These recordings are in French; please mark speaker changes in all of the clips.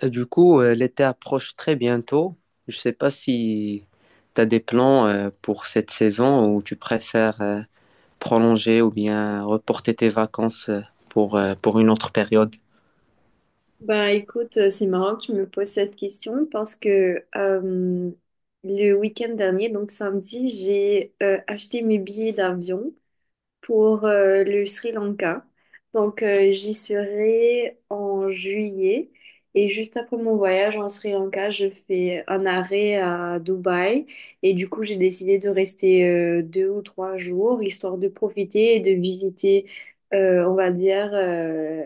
Speaker 1: Et du coup, l'été approche très bientôt. Je ne sais pas si tu as des plans pour cette saison ou tu préfères prolonger ou bien reporter tes vacances pour une autre période.
Speaker 2: Bah écoute, c'est marrant que tu me poses cette question parce que le week-end dernier, donc samedi, j'ai acheté mes billets d'avion pour le Sri Lanka. Donc, j'y serai en juillet. Et juste après mon voyage en Sri Lanka, je fais un arrêt à Dubaï. Et du coup, j'ai décidé de rester deux ou trois jours, histoire de profiter et de visiter, on va dire,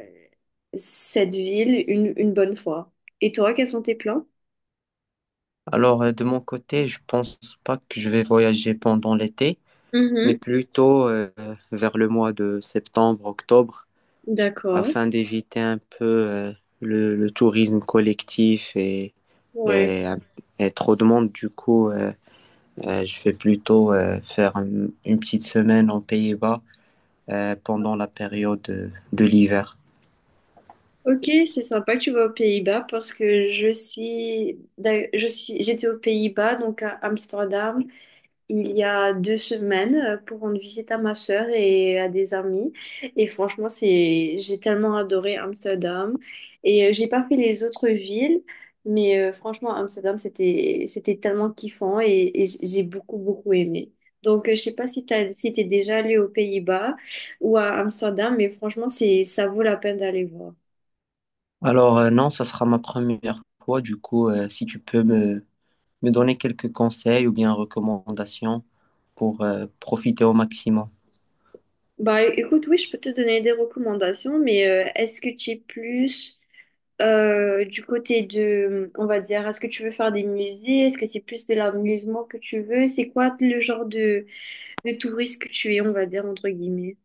Speaker 2: cette ville une bonne fois. Et toi, quels sont tes plans?
Speaker 1: Alors, de mon côté, je pense pas que je vais voyager pendant l'été, mais
Speaker 2: Mhm,
Speaker 1: plutôt vers le mois de septembre, octobre,
Speaker 2: d'accord.
Speaker 1: afin d'éviter un peu le tourisme collectif
Speaker 2: Ouais.
Speaker 1: et, et trop de monde. Du coup, je vais plutôt faire une petite semaine aux Pays-Bas pendant la période de l'hiver.
Speaker 2: Ok, c'est sympa que tu vas aux Pays-Bas parce que je suis, d'a- je suis, j'étais aux Pays-Bas, donc à Amsterdam, il y a deux semaines pour rendre visite à ma sœur et à des amis. Et franchement, j'ai tellement adoré Amsterdam. Et j'ai pas fait les autres villes, mais franchement, Amsterdam, c'était tellement kiffant et j'ai beaucoup aimé. Donc, je sais pas si si t'es déjà allé aux Pays-Bas ou à Amsterdam, mais franchement, c'est, ça vaut la peine d'aller voir.
Speaker 1: Alors non, ça sera ma première fois. Du coup, si tu peux me donner quelques conseils ou bien recommandations pour profiter au maximum.
Speaker 2: Bah écoute, oui, je peux te donner des recommandations, mais est-ce que tu es plus du côté de, on va dire, est-ce que tu veux faire des musées? Est-ce que c'est plus de l'amusement que tu veux? C'est quoi le genre de touriste que tu es, on va dire, entre guillemets?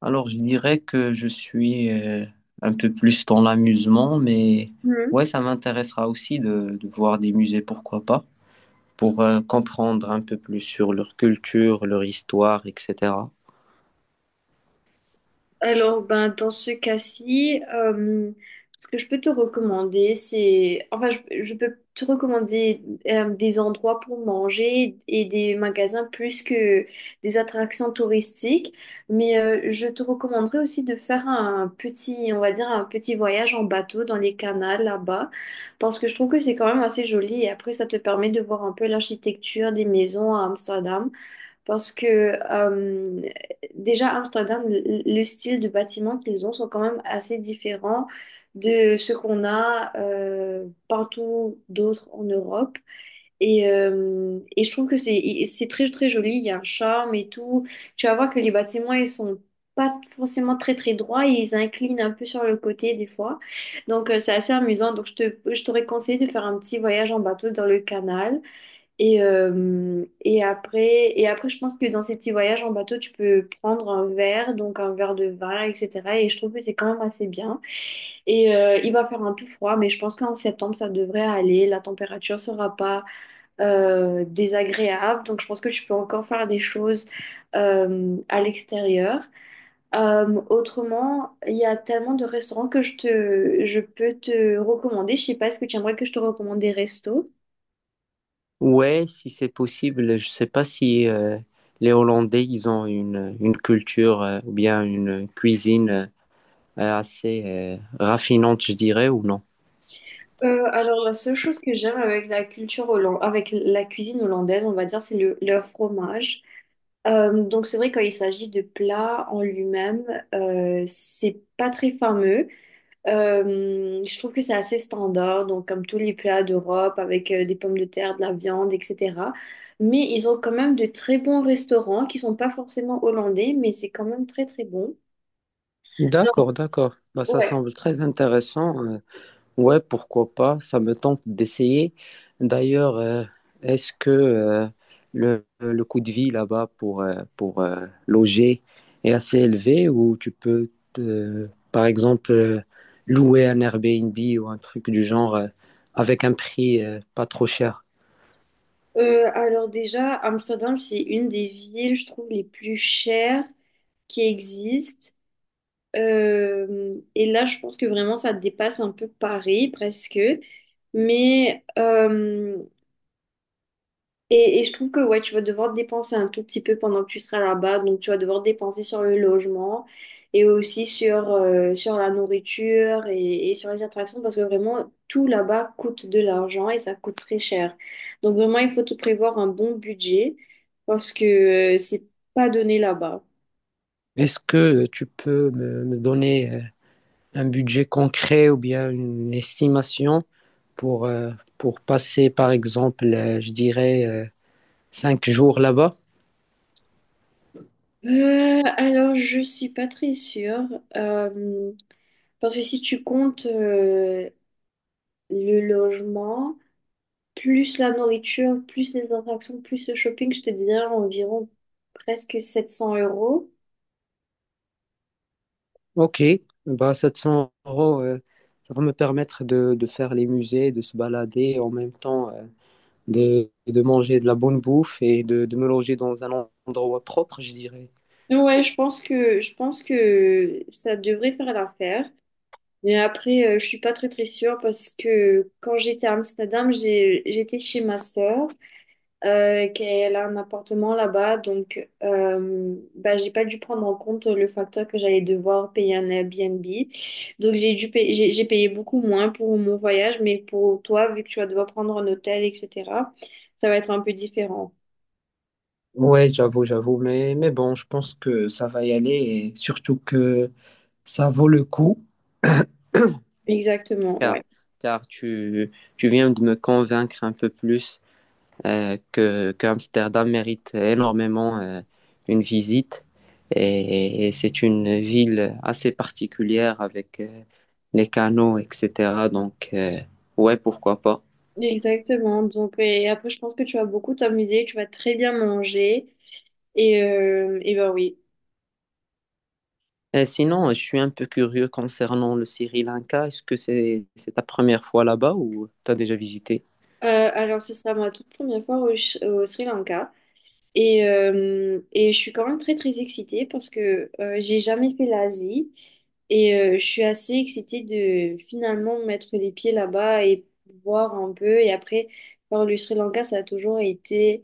Speaker 1: Alors je dirais que je suis un peu plus dans l'amusement, mais ouais, ça m'intéressera aussi de voir des musées, pourquoi pas, pour comprendre un peu plus sur leur culture, leur histoire, etc.
Speaker 2: Alors, ben, dans ce cas-ci, ce que je peux te recommander, c'est... Enfin, je peux te recommander des endroits pour manger et des magasins plus que des attractions touristiques. Mais je te recommanderais aussi de faire un petit, on va dire, un petit voyage en bateau dans les canals là-bas, parce que je trouve que c'est quand même assez joli et après, ça te permet de voir un peu l'architecture des maisons à Amsterdam. Parce que euh, déjà, à Amsterdam, le style de bâtiments qu'ils ont sont quand même assez différents de ce qu'on a partout d'autres en Europe. Et, et je trouve que c'est très joli, il y a un charme et tout. Tu vas voir que les bâtiments, ils sont pas forcément très droits et ils inclinent un peu sur le côté des fois. Donc c'est assez amusant. Donc je t'aurais conseillé de faire un petit voyage en bateau dans le canal. Et, et après, je pense que dans ces petits voyages en bateau, tu peux prendre un verre, donc un verre de vin, etc. Et je trouve que c'est quand même assez bien. Et il va faire un peu froid, mais je pense qu'en septembre, ça devrait aller. La température sera pas désagréable. Donc, je pense que tu peux encore faire des choses à l'extérieur. Autrement, il y a tellement de restaurants que je peux te recommander. Je sais pas, est-ce que tu aimerais que je te recommande des restos?
Speaker 1: Ouais, si c'est possible, je sais pas si les Hollandais, ils ont une culture ou bien une cuisine assez raffinante, je dirais, ou non.
Speaker 2: Alors, la seule chose que j'aime avec la culture hollandaise, avec la cuisine hollandaise, on va dire, c'est leur fromage. Donc, c'est vrai, quand il s'agit de plats en lui-même, c'est pas très fameux. Je trouve que c'est assez standard, donc comme tous les plats d'Europe, avec des pommes de terre, de la viande, etc. Mais ils ont quand même de très bons restaurants qui sont pas forcément hollandais, mais c'est quand même très, très bon.
Speaker 1: D'accord, d'accord. Bah, ça
Speaker 2: Ouais.
Speaker 1: semble très intéressant. Ouais, pourquoi pas, ça me tente d'essayer. D'ailleurs, est-ce que le coût de vie là-bas pour loger est assez élevé ou tu peux, par exemple, louer un Airbnb ou un truc du genre avec un prix pas trop cher?
Speaker 2: Alors déjà, Amsterdam, c'est une des villes, je trouve, les plus chères qui existe. Et là, je pense que vraiment, ça dépasse un peu Paris, presque. Mais, et je trouve que, ouais, tu vas devoir dépenser un tout petit peu pendant que tu seras là-bas. Donc, tu vas devoir dépenser sur le logement et aussi sur la nourriture et sur les attractions parce que vraiment, tout là-bas coûte de l'argent et ça coûte très cher. Donc, vraiment, il faut te prévoir un bon budget parce que c'est pas donné là-bas.
Speaker 1: Est-ce que tu peux me donner un budget concret ou bien une estimation pour, euh, pour passer, par exemple, je dirais, cinq jours là-bas?
Speaker 2: Alors, je suis pas très sûre. euh, Parce que si tu comptes le logement, plus la nourriture, plus les attractions, plus le shopping, je te dirais environ presque 700 euros.
Speaker 1: Ok, bah 700 euros, ça va me permettre de faire les musées, de se balader, en même temps de manger de la bonne bouffe et de me loger dans un endroit propre, je dirais.
Speaker 2: Ouais, je pense que ça devrait faire l'affaire. Mais après, je suis pas très très sûre parce que quand j'étais à Amsterdam, j'étais chez ma sœur. Euh, qu'elle a un appartement là-bas. Donc, bah, j'ai pas dû prendre en compte le facteur que j'allais devoir payer un Airbnb. Donc, j'ai payé beaucoup moins pour mon voyage, mais pour toi, vu que tu vas devoir prendre un hôtel, etc., ça va être un peu différent.
Speaker 1: Ouais, j'avoue, j'avoue, mais bon, je pense que ça va y aller et surtout que ça vaut le coup.
Speaker 2: Exactement,
Speaker 1: Car,
Speaker 2: ouais.
Speaker 1: car tu, tu viens de me convaincre un peu plus que Amsterdam mérite énormément une visite. Et c'est une ville assez particulière avec les canaux, etc. Donc, ouais, pourquoi pas.
Speaker 2: Exactement. Donc, et après, je pense que tu vas beaucoup t'amuser, tu vas très bien manger. Et, et ben oui.
Speaker 1: Et sinon, je suis un peu curieux concernant le Sri Lanka. Est-ce que c'est ta première fois là-bas ou t'as déjà visité?
Speaker 2: Alors, ce sera ma toute première fois au Sri Lanka. Et, et je suis quand même très très excitée parce que j'ai jamais fait l'Asie et je suis assez excitée de finalement mettre les pieds là-bas et voir un peu. Et après, par le Sri Lanka, ça a toujours été,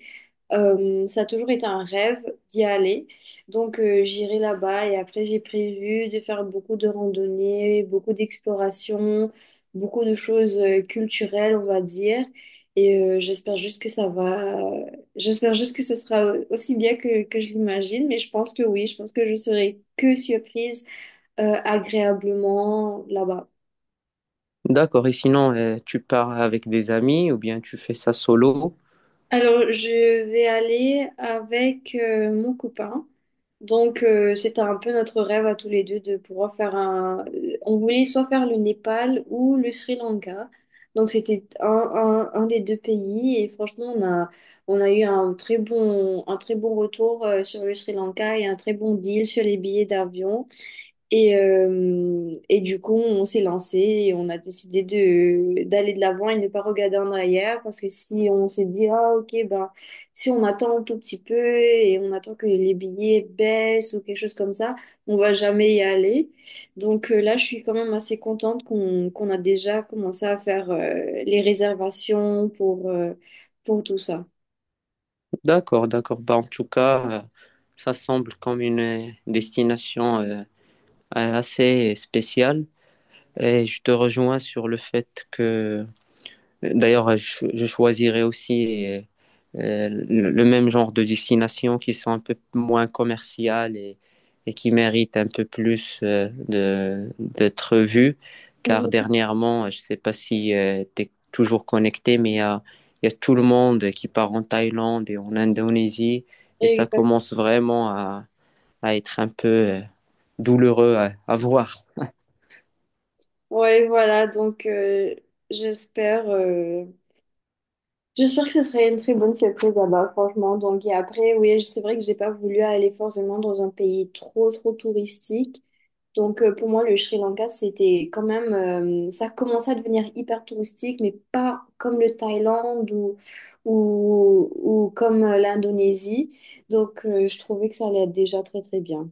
Speaker 2: euh, ça a toujours été un rêve d'y aller. Donc j'irai là-bas et après j'ai prévu de faire beaucoup de randonnées, beaucoup d'explorations, beaucoup de choses culturelles, on va dire. Et j'espère juste que ça va. J'espère juste que ce sera aussi bien que je l'imagine, mais je pense que oui, je pense que je serai que surprise agréablement là-bas.
Speaker 1: D'accord. Et sinon, tu pars avec des amis ou bien tu fais ça solo?
Speaker 2: Alors, je vais aller avec mon copain. Donc, c'était un peu notre rêve à tous les deux de pouvoir faire un... On voulait soit faire le Népal ou le Sri Lanka. Donc, c'était un des deux pays et franchement, on a eu un très un très bon retour sur le Sri Lanka et un très bon deal sur les billets d'avion. Et, et du coup, on s'est lancé et on a décidé de d'aller de l'avant et ne pas regarder en arrière parce que si on se dit, ah ok, ben, si on attend un tout petit peu et on attend que les billets baissent ou quelque chose comme ça, on va jamais y aller. Donc là, je suis quand même assez contente qu'on a déjà commencé à faire les réservations pour tout ça.
Speaker 1: D'accord, d'accord. Bah, en tout cas, ça semble comme une destination assez spécial. Et je te rejoins sur le fait que, d'ailleurs, je choisirais aussi le même genre de destinations qui sont un peu moins commerciales et qui méritent un peu plus d'être vues. Car
Speaker 2: Mhm.
Speaker 1: dernièrement, je ne sais pas si tu es toujours connecté, mais il y a tout le monde qui part en Thaïlande et en Indonésie. Et ça
Speaker 2: Exact.
Speaker 1: commence vraiment à être un peu douloureux à voir.
Speaker 2: Ouais, voilà, donc j'espère. J'espère que ce serait une très bonne surprise là-bas, franchement. Donc, et après, oui, c'est vrai que j'ai pas voulu aller forcément dans un pays trop, trop touristique. Donc, pour moi, le Sri Lanka, c'était quand même, ça commençait à devenir hyper touristique, mais pas comme le Thaïlande ou, ou comme l'Indonésie. Donc, je trouvais que ça allait être déjà très, très bien.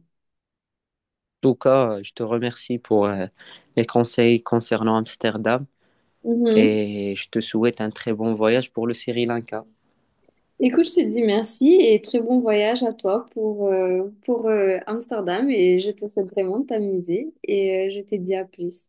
Speaker 1: Tout cas, je te remercie pour les conseils concernant Amsterdam et je te souhaite un très bon voyage pour le Sri Lanka.
Speaker 2: Écoute, je te dis merci et très bon voyage à toi pour Amsterdam et je te souhaite vraiment de t'amuser et je te dis à plus.